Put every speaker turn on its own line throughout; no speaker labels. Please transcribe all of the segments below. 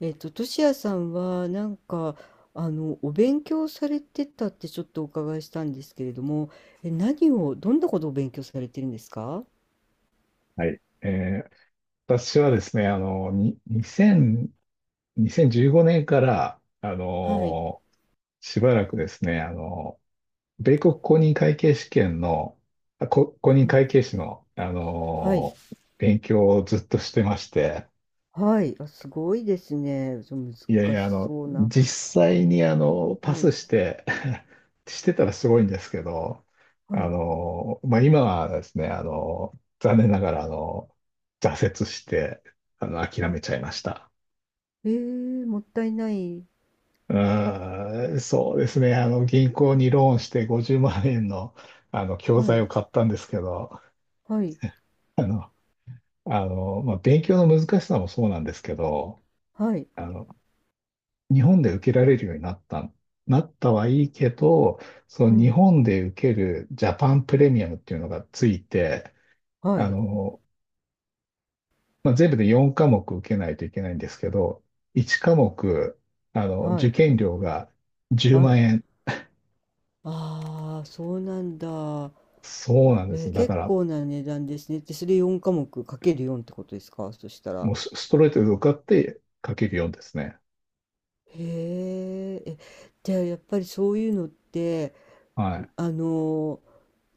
としやさんはなんかお勉強されてたってちょっとお伺いしたんですけれども、え、何をどんなことを勉強されてるんですか？
はい。私はですね、あの、に、2000、2015年から、
はい、
しばらくですね、米国公認会計試験の、公
う
認
ん、
会計士の、
はい、
勉強をずっとしてまして、
はい、あ、すごいですね。そう
いやい
難
や、
しそうな。
実際にパ
は
ス
い、
して してたらすごいんですけど、
はい、
まあ、今はですね、残念ながら、挫折して、諦
あ、
めちゃいました。
もったいない。
うーん、そうですね、銀行にローンして50万円の、教
は
材
い、
を買ったんですけど、
はい、
あの、まあ、勉強の難しさもそうなんですけど、
はい、
あの、日本で受けられるようになったはいいけど、そ
う
の日
ん、
本で受けるジャパンプレミアムっていうのがついて、
は
あ
い、
の、まあ、全部で4科目受けないといけないんですけど、1科目、
は
受
い、
験料が10
はい。
万円。
ああ、そうなんだ。
そうなんです。だか
結
ら、
構な値段ですね。で、それ4科目かける4ってことですか？そしたら。
もうスストレートで受かってかけるようですね。
へえ、じゃあやっぱりそういうのって、
はい。
あの、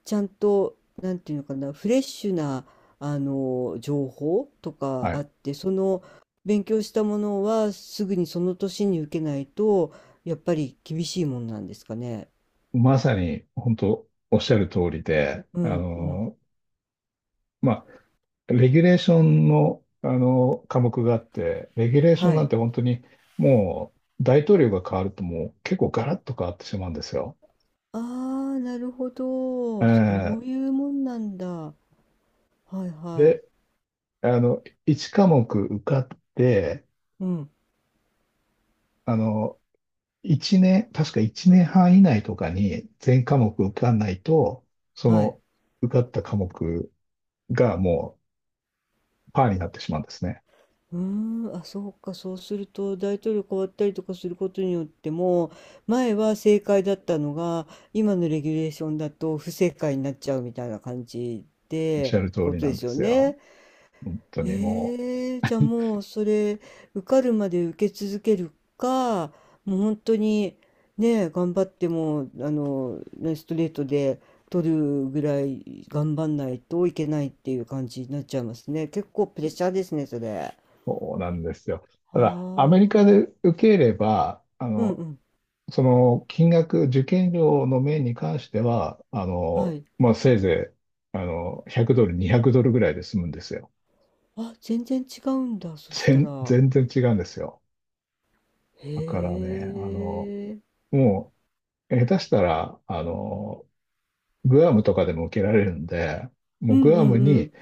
ちゃんと、なんていうのかな、フレッシュな、情報とか
はい。
あって、その勉強したものはすぐにその年に受けないと、やっぱり厳しいもんなんですかね。
まさに、本当おっしゃる通りで、
うん、うん。
まあ、レギュレーションの、あの科目があって、レギュレーション
は
なん
い。
て本当にもう大統領が変わるともう結構ガラッと変わってしまうんですよ。
ああ、なるほ
え
ど。そう
ー
いうもんなんだ。はいはい。
で、1科目受かって、
うん、
あの、1年、確か1年半以内とかに全科目受かんないと、そ
はい。
の受かった科目がもうパーになってしまうんですね。
うーん、あ、そうか、そうすると大統領変わったりとかすることによっても、前は正解だったのが、今のレギュレーションだと不正解になっちゃうみたいな感じ
おっし
で、
ゃる
っ
通
てこ
り
と
な
で
ん
す
で
よ
すよ。
ね。
本当にもう。
へえ、じゃあもうそれ、受かるまで受け続けるか、もう本当に、ね、頑張っても、ね、ストレートで取るぐらい頑張んないといけないっていう感じになっちゃいますね。結構プレッシャーですね、それ。
そうなんですよ。
ああ、
ただ、アメリカ
う
で
ん
受ければ、
うん。
その金額、受験料の面に関しては、
はい。
まあ、せいぜい、100ドル、200ドルぐらいで済むんですよ。
あ、全然違うんだ、そした
全、
ら。
全然違うんですよ。だから
へ
ね、
え。
もう、下手したら、グアムとかでも受けられるんで、
う
もう
んう
グ
ん
アム
う
に
ん。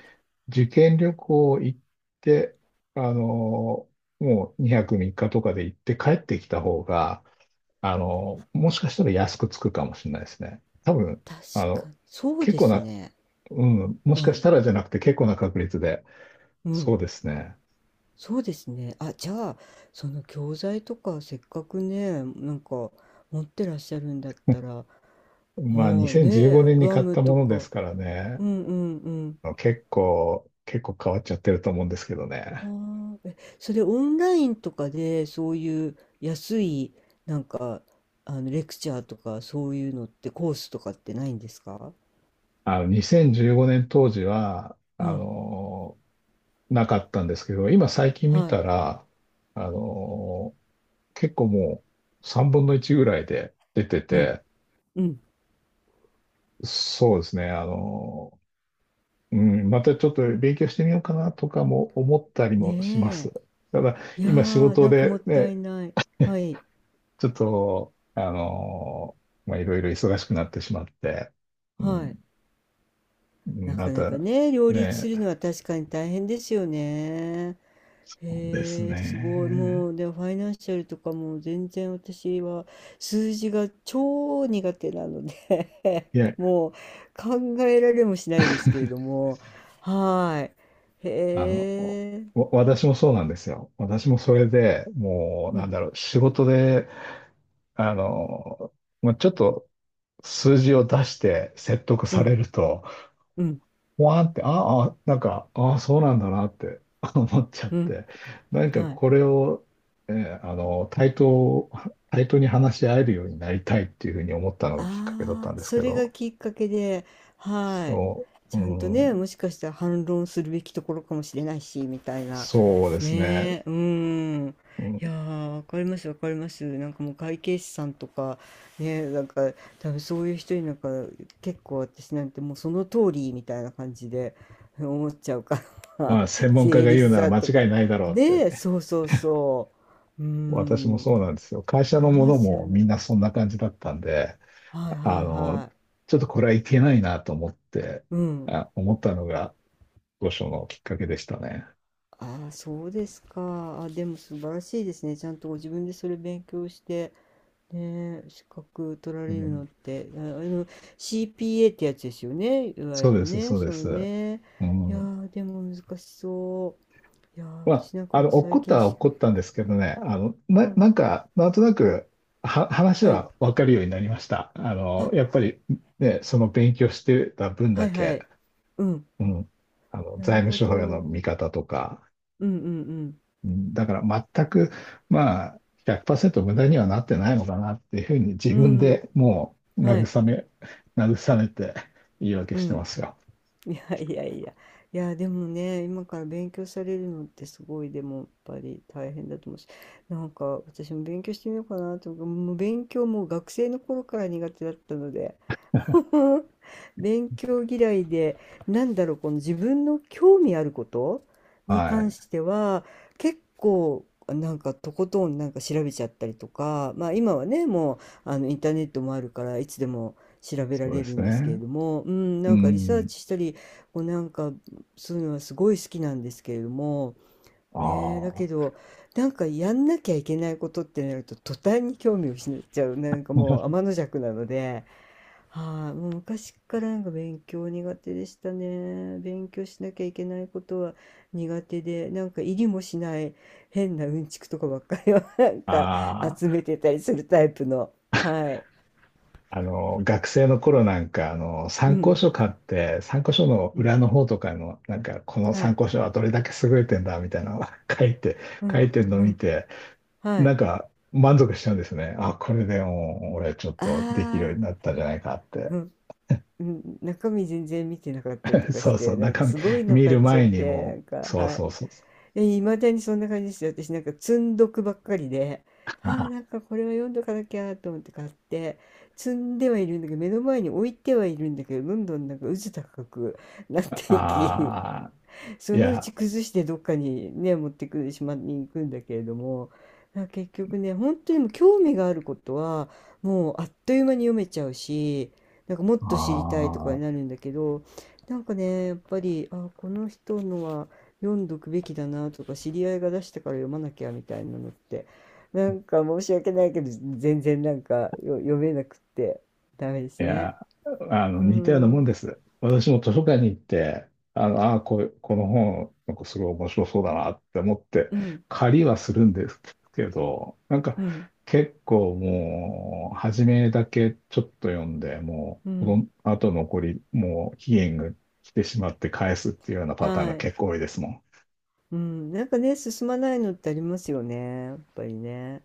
受験旅行行って、あの、もう2泊3日とかで行って帰ってきた方が、もしかしたら安くつくかもしれないですね。多分、
確
あ
か
の、
に。そう
結
で
構
す
な、
ね。
うん、もし
う
かし
ん。
たらじゃなくて結構な確率で、
う
そう
ん。
ですね。
そうですね。あ、じゃあ、その教材とか、せっかくね、なんか、持ってらっしゃるんだった ら、は
まあ、
あ、ね
2015
え、
年に
グア
買っ
ム
たも
と
ので
か。
すからね、
うんうん。
結構変わっちゃってると思うんですけど
あ
ね。
あ、え、それオンラインとかでそういう安いなんかレクチャーとかそういうのってコースとかってないんですか。
2015年当時は、
うん、
なかったんですけど、今最近見
はい、
たら、あの、結構もう3分の1ぐらいで出て
うん、
て、
うん。
そうですね、うん、またちょっと勉強してみようかなとかも思ったりもします。
ね
ただ、
え。いや
今仕
ー、
事
なんかもっ
で
た
ね、
いない。はい、
ちょっと、まあ、いろいろ忙しくなってしまって、う
は
ん、
い。
うん
な
ま
かなか
た、
ね、両立す
ね、
るのは確かに大変ですよね。
そうです
へえ、すごい。
ね。
もう、でもファイナンシャルとかも全然私は数字が超苦手なので
いや、
もう考えられもしないですけれど も。はーい。へ
あの、
え。
私もそうなんですよ。私もそれでもう、
う
な
ん、
んだろう、仕事で、あの、まあ、ちょっと数字を出して説得
う
され
ん、
ると、
うん、
わーんって、ああ、なんか、ああ、そうなんだなって 思っちゃっ
うん。
て、なんか
はい。
これを、えーあの、対等、対等に話し合えるようになりたいっていうふうに思ったのがきっかけだった
ああ、
んです
そ
け
れが
ど、
きっかけで、はい。
そう、
ち
う
ゃんとね、
ん、
もしかしたら反論するべきところかもしれないし、みたいな。
そうですね。
ねえ、うん。
うん、
いやー、わかります、わかります。なんかもう会計士さんとか、ね、なんか多分そういう人になんか結構私なんてもうその通りみたいな感じで思っちゃうから、
まあ、専 門家
税
が
理士
言うなら
さん
間
と
違
か。
いないだろうって
ねえ、
ね、
そうそうそう。う
私も
ん。
そうなんですよ。会社
あ
の
り
も
ま
の
すよ
も
ね。
みんなそんな感じだったんで、
はいは
あ
い
の、
は
ちょっとこれはいけないなと思って、
い。うん。
思ったのが、当初のきっかけでしたね。
ああ、そうですか。あ、でも素晴らしいですね。ちゃんとご自分でそれ勉強して、ねえ、資格取ら
う
れるの
ん
って、あ、CPA ってやつですよね。いわ
そ
ゆ
うで
る
す、
ね、
そう
そ
で
の
す。
ね。
う
いや
ん。
ー、でも難しそう。いやー、
まあ、
私なんかもう
怒
最
っ
近
たは
し、
怒ったんですけどね、
う
な、
ん、
なんか、なんとなく、話
はい。
は分かるようになりました。
あ、
やっぱり、ね、その勉強してた分
はい
だ
は
け、
い。うん。
うん、
な
財
る
務
ほ
諸表の
ど。
見方とか、
うんうん
うん、だから全く、まあ、100%無駄にはなってないのかなっていうふうに自
うん。
分
うん。
でもう
はい。
慰めて言い訳
う
して
ん。
ますよ。
いやいやいや。いや、でもね、今から勉強されるのってすごい、でもやっぱり大変だと思うし、なんか私も勉強してみようかなと思う、もう勉強も学生の頃から苦手だったので、勉強嫌いで、なんだろう、この自分の興味あることに
は
関
い。
しては、結構、なんかとことんなんか調べちゃったりとか、まあ今はね、もうインターネットもあるから、いつでも調べら
そう
れ
で
る
す
んですけれ
ね。
ども、うん、
う
なんかリサー
ん。
チしたり、こうなんかそういうのはすごい好きなんですけれども、
あ
ねえ、だけ
あ。
ど、なんかやんなきゃいけないことってなると、途端に興味を失っちゃう、なんかもう天の弱なので。はい、もう昔からなんか勉強苦手でしたね。勉強しなきゃいけないことは苦手で、なんか入りもしない変なうんちくとかばっかりを なんか
あ
集
あ、
めてたりするタイプの。はい。
学生の頃なんか、
う
参考
ん、
書買って、参考書の
うん、
裏の方とかの、なんか、この
は
参
い、
考書はどれだけ優れてんだ、みたいなのを 書いて、
う
書
ん、
いてるのを
う
見
ん、
て、
は
な
い。
んか、満足しちゃうんですね。あ、これでもう、俺ちょっ
あ
とできるよう
あ、
になったんじゃないかって。
うん、うん、中身全然見てなかったりと かし
そうそう、
て、なんか
中身
すごいの
見
買
る
っちゃっ
前に
て、な
も
んか、
そう
は
そうそうそう。
い。いまだにそんな感じですよ。私なんか積んどくばっかりで、あー
あ
なんかこれは読んどかなきゃと思って買って、積んではいるんだけど、目の前に置いてはいるんだけど、どんどんなんか渦高くなっていき、
あ、い
そのう
や、
ち崩してどっかにね持ってくる島に行くんだけれども、なんか結局ね本当にもう興味があることはもうあっという間に読めちゃうし、なんかもっ
あ
と知りたいとかになる
あ。
んだけど、なんかねやっぱりあこの人のは読んどくべきだなとか知り合いが出したから読まなきゃみたいなのってなんか申し訳ないけど全然なんかよ読めなくってダメで
い
すね。
や、
うー
似たような
ん、
も
う
んです。私も図書館に行って、この本、なんかすごい面白そうだなって思って、
ん、
借りはするんですけど、なんか
うん、
結構もう、初めだけちょっと読んで、も
う
う、こ
ん、
の後残り、もう期限が来てしまって返すっていうようなパターンが
はい。
結構多いですもん。
うん、なんかね、進まないのってありますよね、やっぱりね。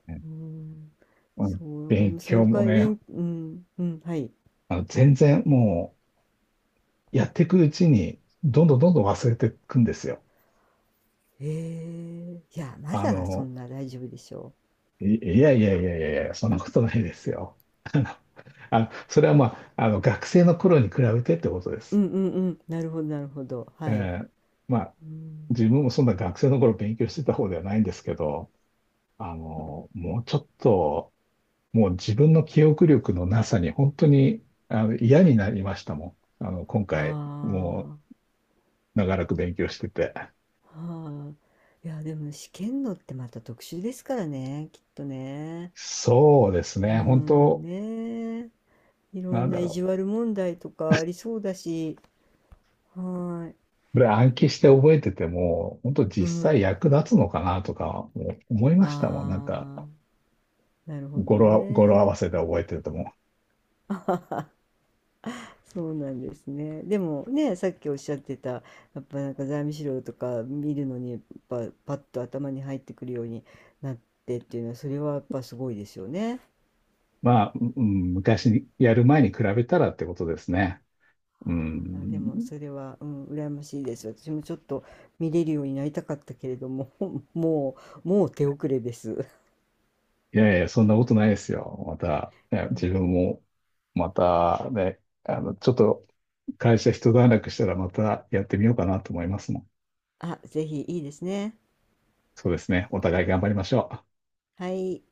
ね、
うん、
うん、
そう、なんかで
勉
もそ
強
の
も
代わり、い
ね、
んうん、うん、はい。
全然もう、やっていくうちに、どんどんどんどん忘れていくんですよ。
へえ、いや、ま
あ
だそ
の、
んな大丈夫でしょ
いやいやいやいやいや、そんなことないですよ。あの、それはまあ、学生の頃に比べてってことで
う。う
す。
んうんうん、なるほど、なるほど、はい。
えーまあ、
うん、
自分もそんな学生の頃勉強してた方ではないんですけど、もうちょっと、もう自分の記憶力のなさに本当に嫌になりましたもん。今
あ
回、もう長らく勉強してて。
あ、はあ。いや、でも試験のってまた特殊ですからね、きっとね。
そうです
う
ね、本
ん、
当、
ねえ、いろ
な
ん
ん
な
だ
意
ろ
地
う。
悪問題とかありそうだし、はーい。
これ暗記して覚えてても、本当
う
実際
ん。
役立つのかなとかも思いましたもん。なんか
ああ。なるほど
語呂合わ
ね。
せで覚えてるとも。
あはは、そうなんですね。でもね、さっきおっしゃってた、やっぱなんか財務資料とか見るのに、やっぱパッと頭に入ってくるようになってっていうのは、それはやっぱすごいですよね。
まあ、うん、昔にやる前に比べたらってことですね。
は
う
い、あ、でも
ん。
それは、うん、羨ましいです。私もちょっと見れるようになりたかったけれども、もう、もう手遅れです。
いやいや、そんなことないですよ。また、ね
う
自
ん、
分も、またね、ちょっと会社一段落したらまたやってみようかなと思いますもん。
あ、ぜひいいですね。
そうですね。お互い頑張りましょう。
はい。